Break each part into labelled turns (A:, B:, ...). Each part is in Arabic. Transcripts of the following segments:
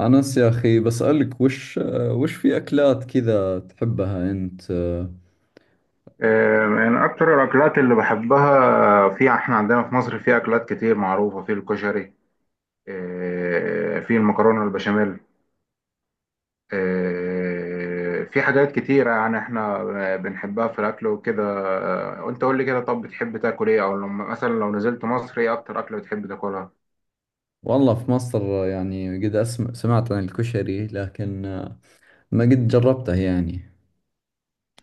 A: أنس يا أخي بسألك وش في أكلات كذا تحبها أنت.
B: من أكتر الأكلات اللي بحبها، في إحنا عندنا في مصر في أكلات كتير معروفة في الكشري. في المكرونة البشاميل. في حاجات كتيرة، يعني إحنا بنحبها في الأكل وكده. وأنت قول لي كده، طب بتحب تاكل إيه؟ أو لما مثلا لو نزلت مصر إيه أكتر أكلة بتحب تاكلها؟
A: والله في مصر يعني قد أسمع سمعت عن الكشري، لكن ما قد جربته يعني.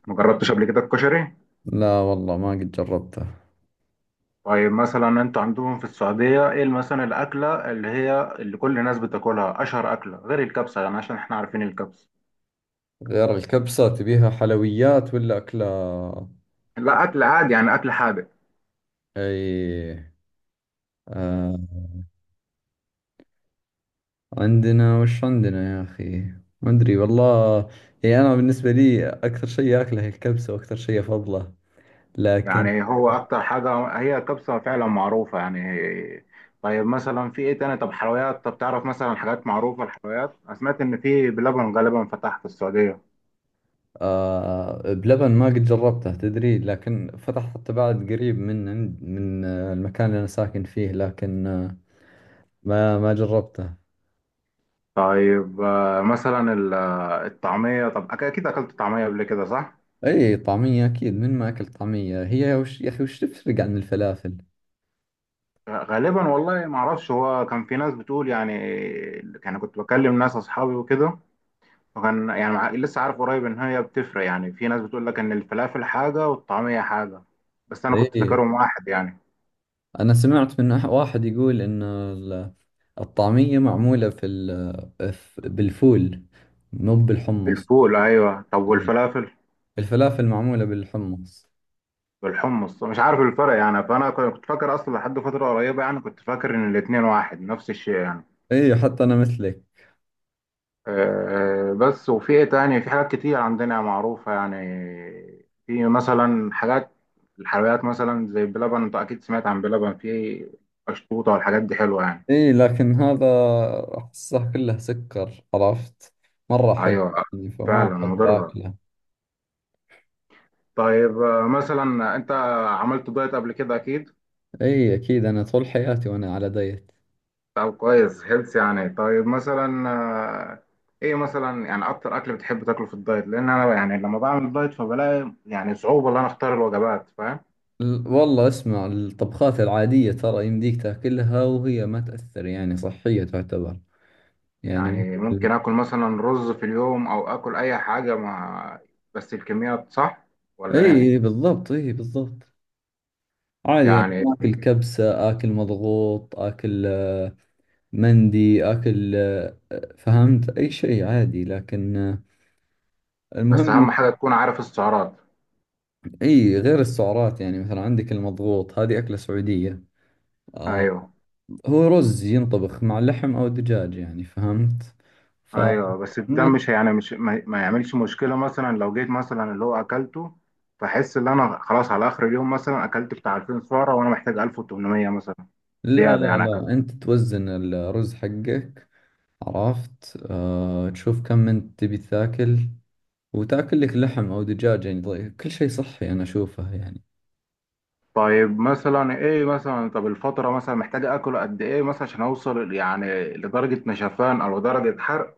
B: مجربتش قبل كده الكشري؟
A: لا والله ما قد جربته.
B: طيب مثلا أنت عندهم في السعودية إيه مثلا الأكلة اللي هي اللي كل الناس بتاكلها، أشهر أكلة غير الكبسة، يعني عشان إحنا عارفين الكبسة.
A: غير الكبسة تبيها حلويات ولا أكلة؟
B: لا، أكل عادي يعني، أكل حادق.
A: أي، آه عندنا وش عندنا يا أخي؟ ما أدري والله. يعني أنا بالنسبة لي أكثر شيء أكله هي الكبسة، وأكثر شيء أفضله، لكن.
B: يعني هو اكتر حاجه هي الكبسه فعلا، معروفه يعني. طيب مثلا في ايه تاني؟ طب حلويات، طب تعرف مثلا حاجات معروفه الحلويات، انا سمعت ان في بلبن غالبا فتح في السعوديه.
A: بلبن ما قد جربته تدري، لكن فتح حتى بعد قريب من المكان اللي أنا ساكن فيه، لكن ما جربته.
B: طيب مثلا الطعميه، طب اكيد اكلت طعميه قبل كده صح؟
A: أي، طعمية أكيد من ما أكل طعمية، هي وش يا أخي، وش تفرق عن الفلافل؟
B: غالبا والله ما اعرفش، هو كان في ناس بتقول يعني، كنت بكلم ناس اصحابي وكده، وكان يعني لسه عارف قريب ان هي بتفرق. يعني في ناس بتقول لك ان الفلافل حاجه والطعميه حاجه، بس انا كنت
A: أي،
B: فاكرهم واحد يعني.
A: أنا سمعت من واحد يقول إن الطعمية معمولة في بالفول، مو بالحمص.
B: بالفول، ايوه، طب
A: إي.
B: والفلافل؟
A: الفلافل معمولة بالحمص.
B: بالحمص، مش عارف الفرق يعني، فانا كنت فاكر اصلا لحد فتره قريبه، يعني كنت فاكر ان الاتنين واحد نفس الشيء يعني.
A: أي، حتى أنا مثلك.
B: أه آه، بس وفي ايه تاني؟ في حاجات كتير عندنا معروفه يعني، في مثلا حاجات الحلويات مثلا زي بلبن، انت اكيد سمعت عن بلبن. في قشطوطه والحاجات دي حلوه يعني.
A: اي لكن هذا احسه كله سكر، عرفت؟ مرة حلو
B: ايوه
A: يعني، فما
B: فعلا
A: احب
B: مضره.
A: اكله.
B: طيب مثلا انت عملت دايت قبل كده اكيد.
A: اي اكيد، انا طول حياتي وانا على دايت.
B: طب كويس، هيلث يعني. طيب مثلا ايه مثلا يعني اكتر اكل بتحب تاكله في الدايت؟ لان انا يعني لما بعمل دايت فبلاقي يعني صعوبه ان انا اختار الوجبات، فاهم؟
A: والله اسمع الطبخات العادية ترى يمديك تاكلها وهي ما تأثر، يعني صحية تعتبر. يعني
B: يعني
A: مثل-
B: ممكن اكل مثلا رز في اليوم او اكل اي حاجه، مع بس الكميات صح؟ ولا
A: اي
B: ايه
A: بالضبط، اي بالضبط. عادي يعني،
B: يعني؟
A: اكل كبسة، اكل مضغوط، اكل مندي، اكل فهمت، اي شيء عادي، لكن
B: بس
A: المهم.
B: اهم حاجه تكون عارف السعرات.
A: اي غير السعرات، يعني مثلا عندك المضغوط، هذه أكلة سعودية. آه،
B: ايوه
A: هو رز ينطبخ مع لحم أو دجاج، يعني فهمت. ف
B: ايوه، بس ده
A: ما
B: مش يعني مش ما يعملش مشكله. مثلا لو جيت مثلا اللي هو اكلته، فاحس ان انا خلاص على اخر اليوم مثلا اكلت بتاع 2000 سعره وانا محتاج 1800 مثلا،
A: لا
B: زياده
A: لا
B: يعني اكلت.
A: لا، أنت توزن الرز حقك، عرفت؟ آه تشوف كم أنت تبي تاكل، وتاكل لك لحم أو دجاج، يعني كل شيء صحي أنا أشوفه يعني.
B: طيب مثلا ايه مثلا، طب الفتره مثلا محتاج اكل قد ايه مثلا عشان اوصل يعني لدرجه نشفان او درجه حرق؟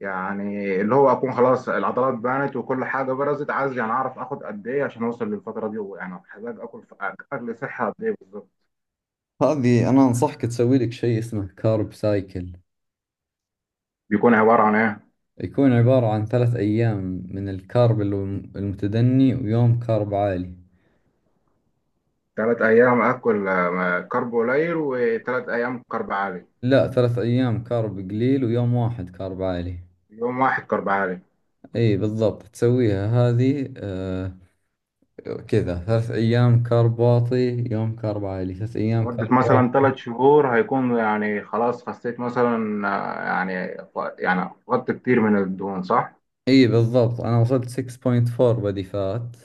B: يعني اللي هو اكون خلاص العضلات بانت وكل حاجه برزت. عايز يعني اعرف اخد قد ايه عشان اوصل للفتره دي. يعني محتاج اكل في اكل صحي قد ايه بالظبط؟
A: هذه أنا أنصحك تسوي لك شيء اسمه كارب سايكل.
B: بيكون عباره عن ايه؟
A: يكون عبارة عن ثلاث أيام من الكارب المتدني، ويوم كارب عالي.
B: تلات أيام أكل كرب قليل وتلات أيام كرب عالي؟
A: لا، ثلاث أيام كارب قليل، ويوم واحد كارب عالي.
B: يوم واحد كرب عالي.
A: اي بالضبط، تسويها هذه آه كذا: ثلاث أيام كارب واطي، يوم كارب عالي، ثلاث أيام
B: لمدة
A: كارب
B: مثلا
A: واطي.
B: تلات شهور هيكون يعني خلاص خسيت مثلا يعني، يعني فقدت كتير من الدهون صح؟
A: اي بالضبط، أنا وصلت 6.4 بدي فات.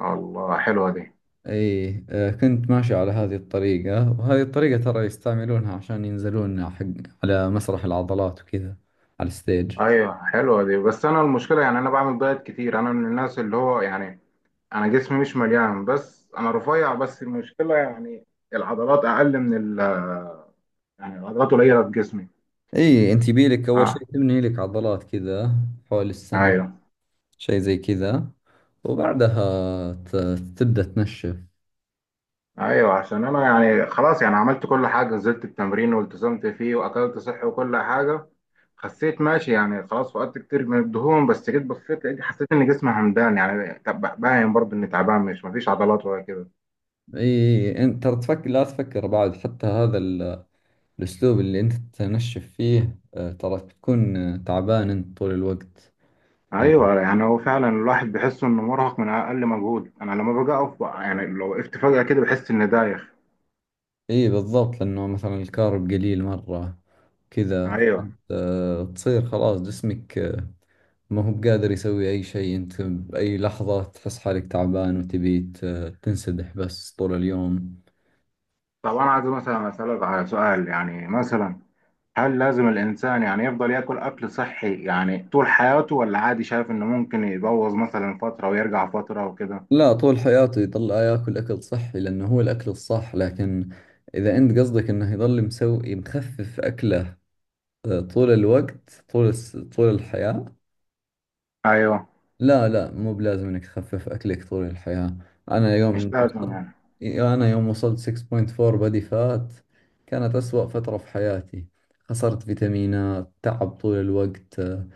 B: الله حلوة دي.
A: اي آه، كنت ماشي على هذه الطريقة، وهذه الطريقة ترى يستعملونها عشان ينزلون حق على مسرح العضلات وكذا، على الستيج.
B: أيوة حلوة دي. بس أنا المشكلة يعني أنا بعمل دايت كتير. أنا من الناس اللي هو يعني أنا جسمي مش مليان، بس أنا رفيع. بس المشكلة يعني العضلات أقل من ال، يعني العضلات قليلة في جسمي.
A: اي انت بيلك أول شيء
B: أه.
A: تبني لك عضلات كذا، حول السنة،
B: أيوة.
A: شيء زي كذا، وبعدها ت- تبدأ تنشف.
B: ايوه، عشان انا يعني خلاص يعني عملت كل حاجه، نزلت التمرين والتزمت فيه واكلت صحي وكل حاجه، خسيت ماشي يعني، خلاص فقدت كتير من الدهون. بس جيت بصيت لقيت، حسيت ان جسمي همدان يعني، طب باين برضه اني تعبان، مش مفيش عضلات ولا كده.
A: اي، انت ترى تفكر، لا تفكر بعد حتى هذا الاسلوب اللي انت تنشف فيه، ترى بتكون تعبان انت طول الوقت. يعني
B: ايوه، يعني هو فعلا الواحد بيحس انه مرهق من اقل مجهود. انا لما باجي اقف يعني لو وقفت فجاه كده بحس اني دايخ.
A: اي بالضبط، لانه مثلا الكارب قليل مرة كذا.
B: ايوه،
A: تصير خلاص جسمك ما هو بقادر يسوي اي شيء، انت بأي لحظة تحس حالك تعبان وتبي تنسدح بس طول اليوم.
B: طب انا عايز مثلا اسالك على سؤال يعني، مثلا هل لازم الإنسان يعني يفضل ياكل أكل صحي يعني طول حياته، ولا عادي شايف إنه ممكن يبوظ مثلا فترة ويرجع فترة وكده؟
A: لا، طول حياته يضل ياكل اكل صحي لانه هو الاكل الصح. لكن اذا انت قصدك انه يضل مسوي مخفف اكله طول الوقت، طول الحياة؟
B: أيوه،
A: لا لا، مو بلازم انك تخفف اكلك طول الحياة. انا
B: مش
A: يوم
B: لازم
A: وصلت
B: يعني.
A: انا يوم وصلت 6.4 بody فات، كانت اسوأ فترة في حياتي. خسرت فيتامينات، تعب طول الوقت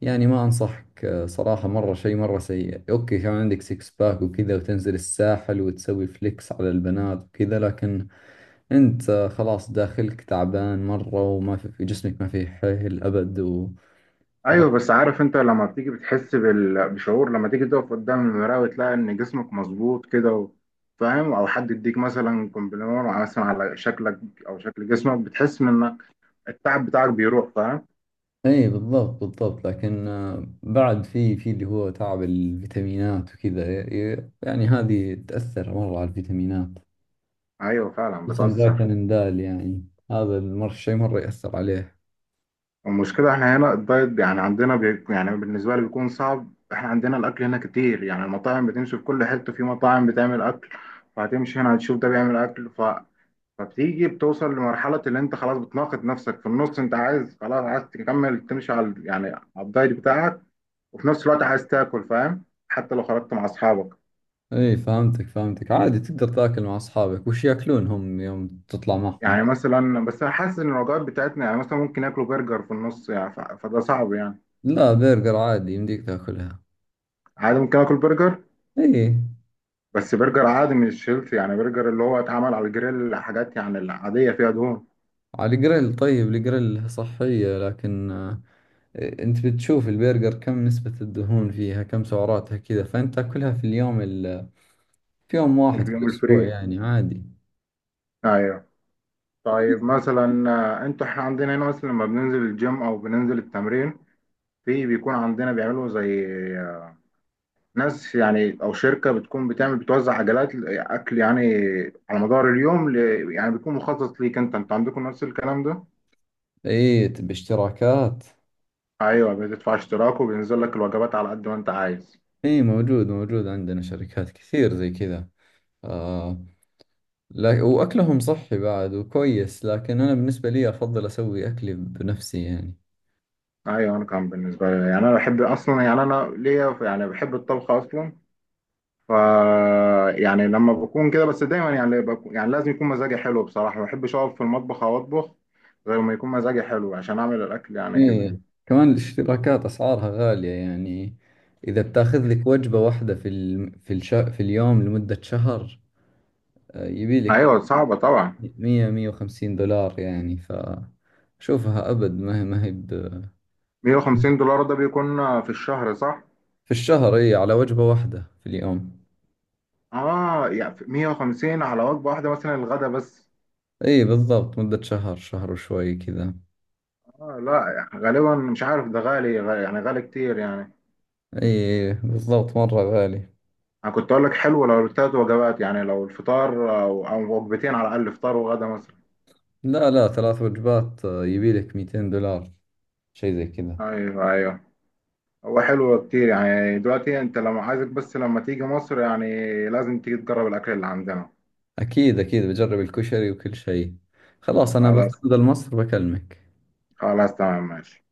A: يعني ما أنصحك صراحة، مرة شيء مرة سيء. أوكي كان عندك سيكس باك وكذا، وتنزل الساحل وتسوي فليكس على البنات وكذا، لكن أنت خلاص داخلك تعبان مرة، وما في جسمك، ما فيه حيل أبد. و عرفت؟
B: أيوه، بس عارف أنت لما بتيجي بتحس بشعور لما تيجي تقف قدام المراية وتلاقي إن جسمك مظبوط كده و، فاهم؟ أو حد يديك مثلا كومبلمون مثلا على شكلك أو شكل جسمك، بتحس إنك التعب بتاعك بيروح، فاهم؟
A: اي بالضبط، بالضبط، لكن بعد في اللي هو تعب الفيتامينات وكذا يعني هذه تأثر مرة على الفيتامينات،
B: أيوه فعلا
A: خصوصا
B: بتأثر.
A: فيتامين د يعني. هذا المر شيء مرة يأثر عليه.
B: المشكلة احنا هنا الدايت يعني عندنا يعني بالنسبة لي بيكون صعب. احنا عندنا الأكل هنا كتير يعني، المطاعم بتمشي في كل حتة، في مطاعم بتعمل أكل، فهتمشي هنا هتشوف ده بيعمل أكل فبتيجي بتوصل لمرحلة اللي أنت خلاص بتناقض نفسك في النص. أنت عايز خلاص، عايز تكمل تمشي على يعني على الدايت بتاعك، وفي نفس الوقت عايز تاكل، فاهم؟ حتى لو خرجت مع أصحابك،
A: اي فهمتك، فهمتك. عادي تقدر تاكل مع اصحابك وش ياكلون هم يوم تطلع معهم.
B: يعني مثلا، بس أنا حاسس إن الوجبات بتاعتنا يعني مثلا ممكن ياكلوا برجر في النص يعني، فده صعب يعني.
A: لا، برجر عادي يمديك تاكلها.
B: عادي ممكن آكل برجر،
A: اي،
B: بس برجر عادي مش هيلثي يعني، برجر اللي هو اتعمل على الجريل حاجات يعني العادية فيها دهون.
A: على الجريل، طيب الجريل صحية، لكن انت بتشوف البرجر كم نسبة الدهون فيها، كم سعراتها كذا، فانت تاكلها في في يوم واحد في
B: اليوم
A: الاسبوع
B: الفري،
A: يعني عادي.
B: ايوه. طيب مثلا انتوا احنا عندنا هنا مثلا لما بننزل الجيم او بننزل التمرين، في بيكون عندنا بيعملوا زي آه، ناس يعني او شركة بتكون بتعمل بتوزع عجلات اكل يعني على مدار اليوم يعني بيكون مخصص ليك انت عندكم نفس الكلام ده؟
A: اي باشتراكات.
B: ايوه بتدفع اشتراك وبينزل لك الوجبات على قد ما انت عايز.
A: اي موجود موجود، عندنا شركات كثير زي كذا. آه، لا، وأكلهم صحي بعد وكويس، لكن أنا بالنسبة لي أفضل أسوي أكلي بنفسي يعني.
B: ايوه، انا كان بالنسبه لي يعني انا بحب اصلا يعني انا ليا يعني بحب الطبخ اصلا. ف يعني لما بكون كده بس دايما يعني بكون يعني لازم يكون مزاجي حلو، بصراحه ما بحبش اقف في المطبخ او اطبخ غير ما يكون مزاجي حلو عشان اعمل الاكل يعني كده
A: ايه،
B: يعني.
A: كمان الاشتراكات أسعارها غالية يعني. إذا بتاخذ لك وجبة واحدة في في اليوم لمدة شهر، يبي لك
B: ايوه صعبه طبعا.
A: 100 150 دولار يعني. فشوفها أبد، ما هي،
B: $150 ده بيكون في الشهر صح؟
A: في الشهر. إي، على وجبة واحدة في اليوم.
B: اه يعني 150 على وجبه واحده مثلا، الغدا بس؟
A: إي بالضبط، مدة شهر، شهر وشوي كذا.
B: اه لا غالبا، مش عارف، ده غالي يعني غالي كتير يعني.
A: إي بالضبط، مرة غالي.
B: انا كنت اقول لك حلو لو التلات وجبات، يعني لو الفطار او وجبتين على الاقل، فطار وغدا مثلا.
A: لا لا، ثلاث وجبات يبي لك 200 دولار، شيء زي كذا.
B: ايوه ايوه. هو حلو كتير يعني. دلوقتي انت لما عايزك، بس لما تيجي مصر يعني لازم تيجي تجرب الاكل اللي عندنا.
A: أكيد أكيد بجرب الكشري وكل شيء. خلاص، أنا بس
B: خلاص،
A: أنزل مصر بكلمك.
B: خلاص تمام ماشي.